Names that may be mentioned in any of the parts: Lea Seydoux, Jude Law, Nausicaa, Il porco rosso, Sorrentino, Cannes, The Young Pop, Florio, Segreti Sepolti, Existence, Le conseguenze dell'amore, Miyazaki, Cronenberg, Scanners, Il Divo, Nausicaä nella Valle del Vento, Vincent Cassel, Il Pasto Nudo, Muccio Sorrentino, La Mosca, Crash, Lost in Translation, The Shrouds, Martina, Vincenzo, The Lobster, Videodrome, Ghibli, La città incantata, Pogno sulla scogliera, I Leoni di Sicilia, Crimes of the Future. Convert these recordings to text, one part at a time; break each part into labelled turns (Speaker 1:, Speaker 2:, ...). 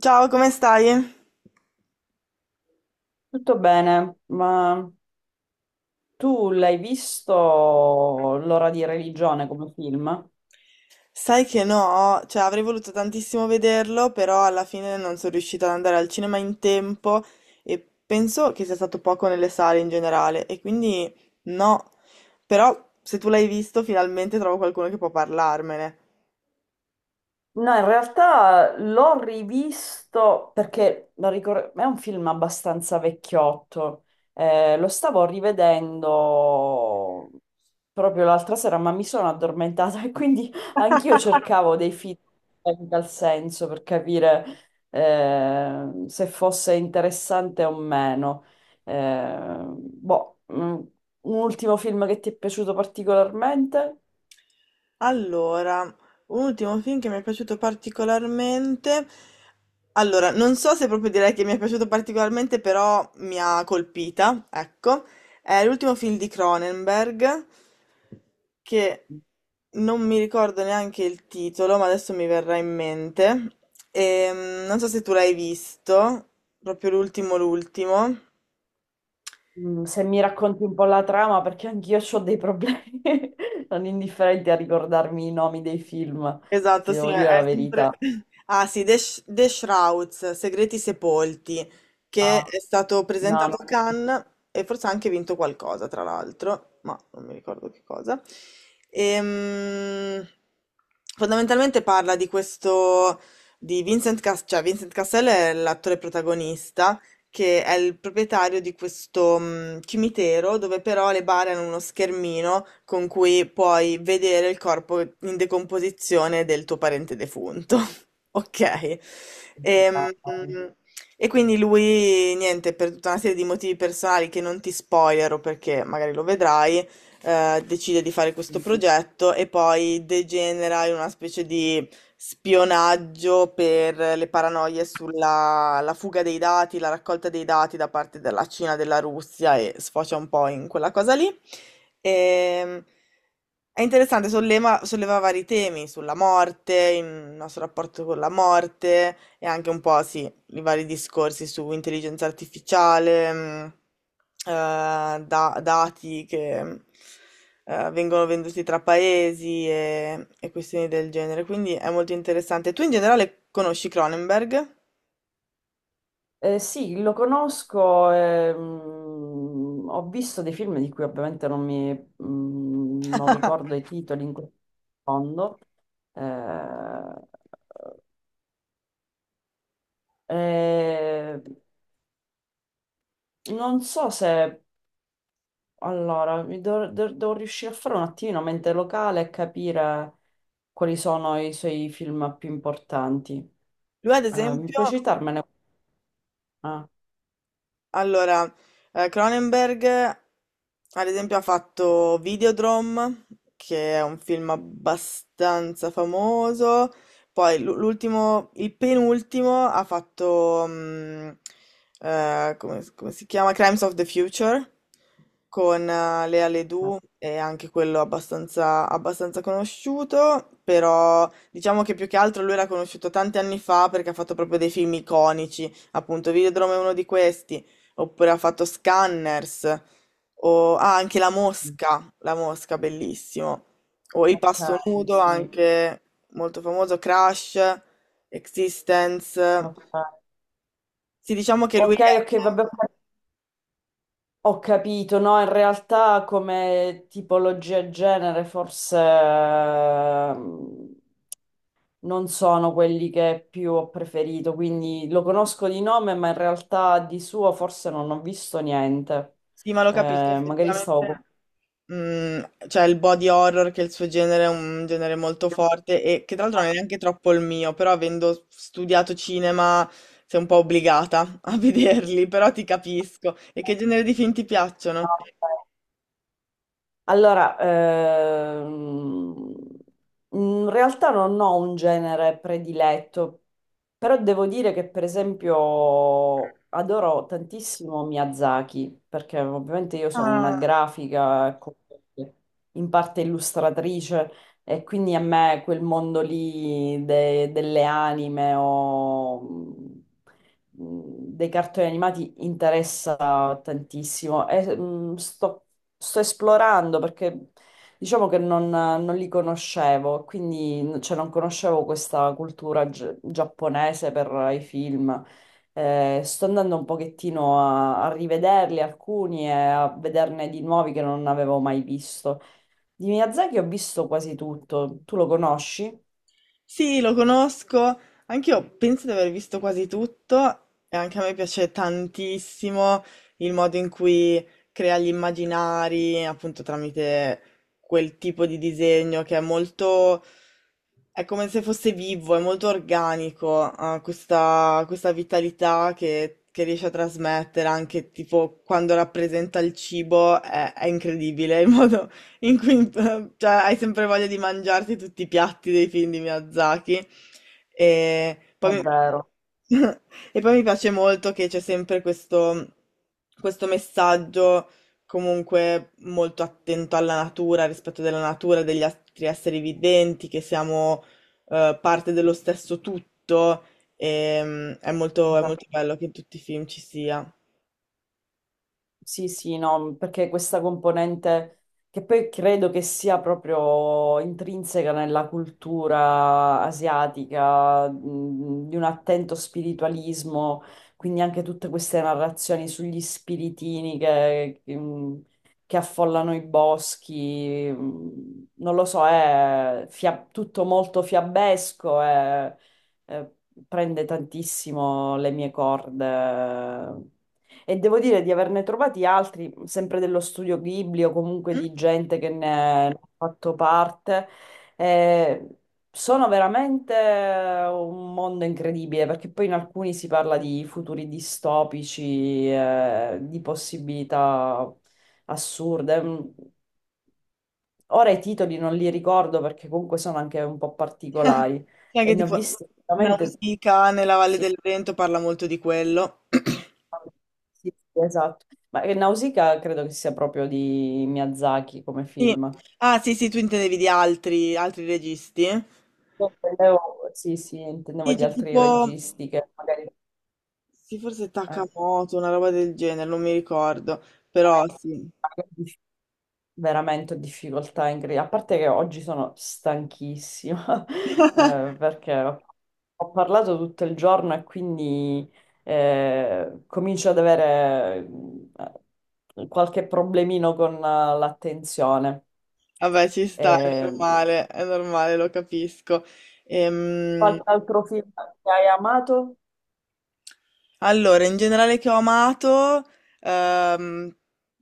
Speaker 1: Ciao, come stai?
Speaker 2: Tutto bene, ma tu l'hai visto L'ora di religione come film?
Speaker 1: Sai che no, cioè avrei voluto tantissimo vederlo, però alla fine non sono riuscita ad andare al cinema in tempo e penso che sia stato poco nelle sale in generale e quindi no. Però se tu l'hai visto, finalmente trovo qualcuno che può parlarmene.
Speaker 2: No, in realtà l'ho rivisto perché è un film abbastanza vecchiotto. Lo stavo rivedendo proprio l'altra sera, ma mi sono addormentata e quindi anch'io cercavo dei film in tal senso per capire se fosse interessante o meno. Eh, boh, mm, un ultimo film che ti è piaciuto particolarmente?
Speaker 1: Allora, un ultimo film che mi è piaciuto particolarmente. Allora, non so se proprio direi che mi è piaciuto particolarmente, però mi ha colpita, ecco. È l'ultimo film di Cronenberg, che non mi ricordo neanche il titolo, ma adesso mi verrà in mente. Non so se tu l'hai visto, proprio l'ultimo, l'ultimo.
Speaker 2: Mm, se mi racconti un po' la trama, perché anch'io ho dei problemi non indifferenti a ricordarmi i nomi dei film,
Speaker 1: Esatto,
Speaker 2: ti
Speaker 1: sì,
Speaker 2: devo
Speaker 1: è
Speaker 2: dire la
Speaker 1: è sempre...
Speaker 2: verità.
Speaker 1: Ah sì, The Shrouds, Segreti Sepolti, che
Speaker 2: No,
Speaker 1: è stato
Speaker 2: no, no.
Speaker 1: presentato a Cannes e forse ha anche vinto qualcosa, tra l'altro, ma non mi ricordo che cosa. Ehm, Fondamentalmente parla di questo, di Vincent Cassel, cioè Vincent Cassel è l'attore protagonista, che è il proprietario di questo cimitero dove però le bare hanno uno schermino con cui puoi vedere il corpo in decomposizione del tuo parente defunto. Ok. Ehm, quindi lui, niente, per tutta una serie di motivi personali che non ti spoilero perché magari lo vedrai, decide di fare questo progetto e poi degenera in una specie di spionaggio per le paranoie sulla la fuga dei dati, la raccolta dei dati da parte della Cina, della Russia e sfocia un po' in quella cosa lì. Ehm, è interessante, solleva vari temi sulla morte, il nostro rapporto con la morte e anche un po', sì, i vari discorsi su intelligenza artificiale, eh, dati che vengono venduti tra paesi e questioni del genere. Quindi è molto interessante. Tu in generale conosci Cronenberg?
Speaker 2: Sì, lo conosco, ho visto dei film di cui ovviamente non mi, mm, non ricordo i titoli in questo secondo. Eh, eh, Non so se... Allora, devo riuscire a fare un attimino mente locale e capire quali sono i suoi film più importanti.
Speaker 1: Lui, ad
Speaker 2: Mi
Speaker 1: esempio.
Speaker 2: puoi citarmene? Ah,
Speaker 1: Allora, Cronenberg, ad esempio, ha fatto Videodrome, che è un film abbastanza famoso. Poi l'ultimo, il penultimo, ha fatto, come, come si chiama? Crimes of the Future, con Lea
Speaker 2: ok,
Speaker 1: Seydoux, è anche quello abbastanza, abbastanza conosciuto, però diciamo che più che altro lui era conosciuto tanti anni fa perché ha fatto proprio dei film iconici, appunto Videodrome è uno di questi. Oppure ha fatto Scanners, o ah, anche La Mosca, La Mosca, bellissimo. O Il Pasto Nudo,
Speaker 2: sì.
Speaker 1: anche molto famoso, Crash, Existence.
Speaker 2: Ok,
Speaker 1: Sì, diciamo che lui
Speaker 2: ok, vabbè,
Speaker 1: è...
Speaker 2: ho capito. No, in realtà come tipologia e genere forse non sono quelli che più ho preferito, quindi lo conosco di nome, ma in realtà di suo forse non ho visto niente.
Speaker 1: Sì, ma lo capisco
Speaker 2: Magari
Speaker 1: effettivamente.
Speaker 2: stavo
Speaker 1: Mm, cioè il body horror, che è il suo genere è un genere molto forte e che tra l'altro non è neanche troppo il mio, però avendo studiato cinema sei un po' obbligata a vederli, però ti capisco. E che genere di film ti piacciono?
Speaker 2: confuso. Allora, in realtà non ho un genere prediletto, però devo dire che per esempio adoro tantissimo Miyazaki, perché ovviamente io sono una
Speaker 1: Ah,
Speaker 2: grafica, ecco, in parte illustratrice, e quindi a me quel mondo lì delle anime o dei cartoni animati interessa tantissimo. E, sto esplorando perché diciamo che non li conoscevo, quindi cioè, non conoscevo questa cultura giapponese per i film. Sto andando un pochettino a, a rivederli alcuni e a vederne di nuovi che non avevo mai visto. Di Miyazaki ho visto quasi tutto. Tu lo conosci? È
Speaker 1: sì, lo conosco. Anch'io penso di aver visto quasi tutto e anche a me piace tantissimo il modo in cui crea gli immaginari, appunto tramite quel tipo di disegno che è molto... è come se fosse vivo, è molto organico, ha questa, questa vitalità che riesce a trasmettere anche tipo quando rappresenta il cibo, è incredibile il modo in cui, cioè, hai sempre voglia di mangiarti tutti i piatti dei film di Miyazaki. E poi mi,
Speaker 2: vero.
Speaker 1: e poi mi piace molto che c'è sempre questo, questo messaggio comunque molto attento alla natura, al rispetto della natura, degli altri esseri viventi, che siamo parte dello stesso tutto. È molto, è molto bello che in tutti i film ci sia.
Speaker 2: Sì, sì, no, mhmm, perché questa componente che poi credo che sia proprio intrinseca nella cultura asiatica, di un attento spiritualismo, quindi anche tutte queste narrazioni sugli spiritini che, che affollano i boschi, non lo so, tutto molto fiabesco e eh, prende tantissimo le mie corde. E devo dire di averne trovati altri, sempre dello studio Ghibli o comunque di gente che ne ha fatto parte. Eh, Sono veramente un mondo incredibile, perché poi in alcuni si parla di futuri distopici, di possibilità assurde. Mm, ora i titoli non li ricordo perché comunque sono anche un po' particolari
Speaker 1: Sì,
Speaker 2: e
Speaker 1: anche
Speaker 2: ne ho
Speaker 1: tipo
Speaker 2: visti veramente...
Speaker 1: Nausicaä nella Valle
Speaker 2: Sì.
Speaker 1: del Vento parla molto di quello.
Speaker 2: Sì, sì, esatto. Ma Nausicaa credo che sia proprio di Miyazaki come
Speaker 1: Sì.
Speaker 2: film.
Speaker 1: Ah, sì, sì, tu intendevi di altri, altri registi?
Speaker 2: Sì, sì, intendevo
Speaker 1: Sì,
Speaker 2: di
Speaker 1: c'è
Speaker 2: altri
Speaker 1: tipo,
Speaker 2: registi che magari
Speaker 1: sì, forse
Speaker 2: eh,
Speaker 1: Takamoto, una roba del genere, non mi ricordo, però sì.
Speaker 2: veramente ho difficoltà A parte che oggi sono stanchissima, perché ho parlato tutto il giorno e quindi comincio ad avere mm, qualche problemino con l'attenzione.
Speaker 1: Vabbè, ci sta,
Speaker 2: Eh,
Speaker 1: è normale, lo capisco. Ehm,
Speaker 2: Qualche altro film che hai amato?
Speaker 1: Allora, in generale che ho amato, ehm,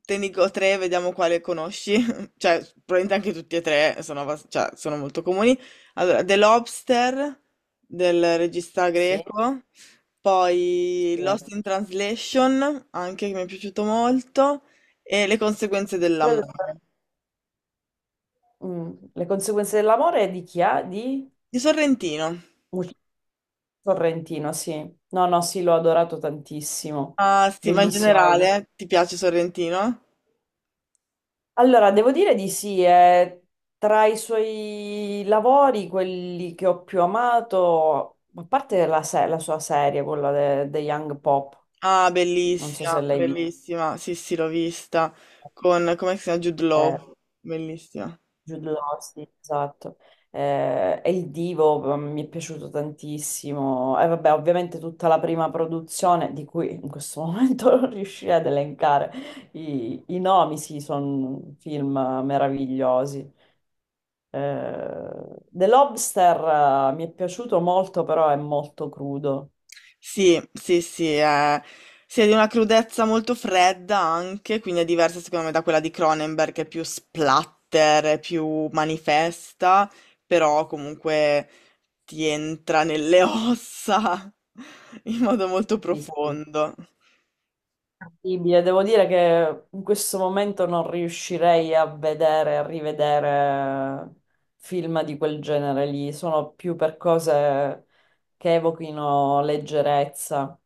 Speaker 1: te ne dico tre, vediamo quale conosci. Cioè, probabilmente anche tutti e tre sono, cioè, sono molto comuni. Allora, The Lobster del regista
Speaker 2: Sì,
Speaker 1: greco, poi
Speaker 2: sì.
Speaker 1: Lost in Translation, anche che mi è piaciuto molto, e Le conseguenze
Speaker 2: Credo che-
Speaker 1: dell'amore
Speaker 2: mm, Le conseguenze dell'amore di chi ha? Di
Speaker 1: di Sorrentino.
Speaker 2: Muccio Sorrentino, sì. No, sì, l'ho adorato tantissimo.
Speaker 1: Ah, sì, ma in
Speaker 2: Bellissimo.
Speaker 1: generale, ti piace Sorrentino?
Speaker 2: Allora, devo dire di sì, è tra i suoi lavori, quelli che ho più amato, a parte la, se- la sua serie, quella de The Young Pop,
Speaker 1: Ah,
Speaker 2: non so se
Speaker 1: bellissima,
Speaker 2: l'hai vista.
Speaker 1: bellissima. Sì, sì, l'ho vista. Con, come si chiama? Jude
Speaker 2: Eh,
Speaker 1: Law. Bellissima.
Speaker 2: Jude Law, sì, esatto. E il Divo mm, mi è piaciuto tantissimo. E vabbè, ovviamente tutta la prima produzione, di cui in questo momento non riuscirei ad elencare i nomi, sì, sono film meravigliosi. The Lobster, mi è piaciuto molto, però è molto crudo.
Speaker 1: Sì, sì, sì. È, sì, è di una crudezza molto fredda anche, quindi è diversa secondo me da quella di Cronenberg, che è più splatter, è più manifesta, però comunque ti entra nelle ossa in modo molto
Speaker 2: Sì, sì.
Speaker 1: profondo.
Speaker 2: Incredibile, devo dire che in questo momento non riuscirei a vedere, a rivedere film di quel genere lì, sono più per cose che evochino leggerezza.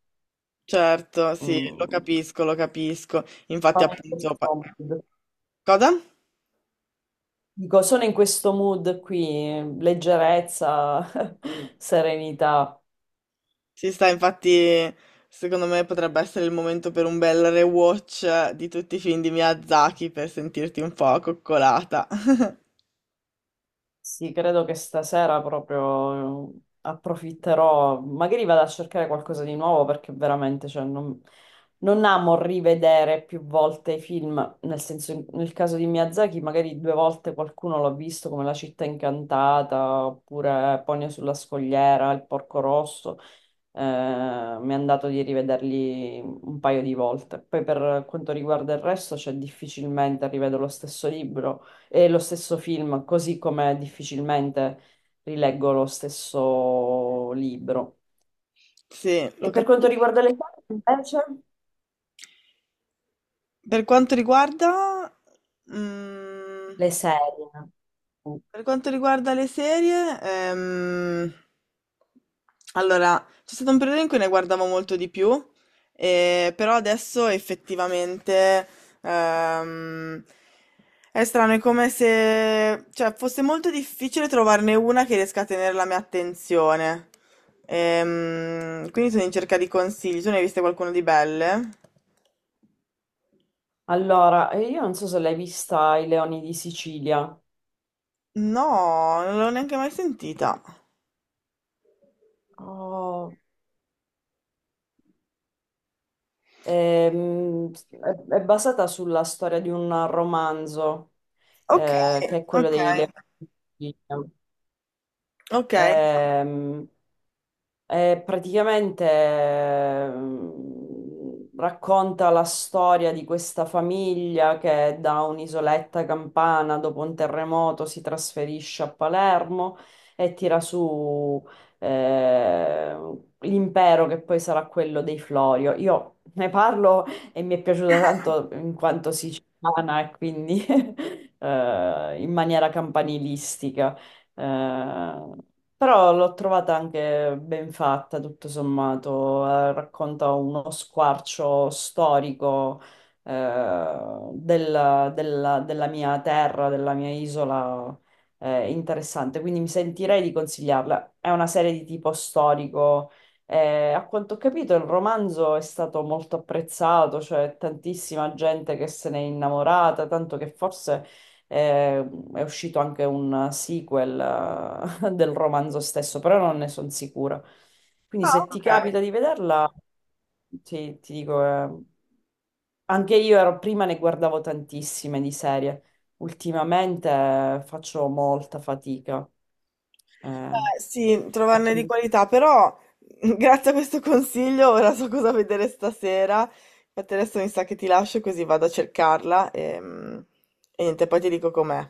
Speaker 1: Certo, sì, lo
Speaker 2: Mm,
Speaker 1: capisco, lo capisco.
Speaker 2: sono in questo mood.
Speaker 1: Cosa?
Speaker 2: Dico, sono in questo mood qui, leggerezza, serenità.
Speaker 1: Ci sta, infatti, secondo me potrebbe essere il momento per un bel rewatch di tutti i film di Miyazaki per sentirti un po' coccolata.
Speaker 2: Sì, credo che stasera proprio approfitterò, magari vado a cercare qualcosa di nuovo perché veramente, cioè, non amo rivedere più volte i film, nel senso, nel caso di Miyazaki magari due volte qualcuno l'ho visto come La città incantata oppure Pogno sulla scogliera, Il porco rosso, mi è andato di rivederli un paio di volte. Poi per quanto riguarda il resto, cioè difficilmente rivedo lo stesso libro e lo stesso film, così come difficilmente rileggo lo stesso libro.
Speaker 1: Sì, lo
Speaker 2: E per quanto
Speaker 1: capisco.
Speaker 2: riguarda le serie, invece,
Speaker 1: Per quanto riguarda... mm,
Speaker 2: le serie.
Speaker 1: Per quanto riguarda le serie, allora c'è stato un periodo in cui ne guardavo molto di più, però adesso effettivamente ehm, è strano, è come se cioè, fosse molto difficile trovarne una che riesca a tenere la mia attenzione. Quindi sono in cerca di consigli. Tu ne hai viste qualcuno di belle?
Speaker 2: Allora, io non so se l'hai vista I Leoni di Sicilia.
Speaker 1: No, non l'ho neanche mai sentita.
Speaker 2: Oh, ehm, è basata sulla storia di un romanzo
Speaker 1: Ok,
Speaker 2: che è quello
Speaker 1: ok,
Speaker 2: dei leoni.
Speaker 1: ok.
Speaker 2: Ehm, praticamente racconta la storia di questa famiglia che da un'isoletta campana dopo un terremoto si trasferisce a Palermo e tira su eh, l'impero che poi sarà quello dei Florio. Io ne parlo e mi è piaciuta tanto in quanto siciliana e quindi in maniera campanilistica. Eh, Però l'ho trovata anche ben fatta, tutto sommato, racconta uno squarcio storico eh, della mia terra, della mia isola, interessante, quindi mi sentirei di consigliarla. È una serie di tipo storico, a quanto ho capito il romanzo è stato molto apprezzato, cioè tantissima gente che se n'è innamorata, tanto che forse eh, è uscito anche un sequel del romanzo stesso, però non ne sono sicura. Quindi
Speaker 1: Ah,
Speaker 2: se ti
Speaker 1: ok.
Speaker 2: capita di vederla, ti dico, anche io prima ne guardavo tantissime di serie, ultimamente faccio molta fatica. eh,
Speaker 1: Sì,
Speaker 2: e
Speaker 1: trovarne di
Speaker 2: quindi
Speaker 1: qualità, però grazie a questo consiglio ora so cosa vedere stasera. Infatti adesso mi sa che ti lascio così vado a cercarla e niente, poi ti dico com'è.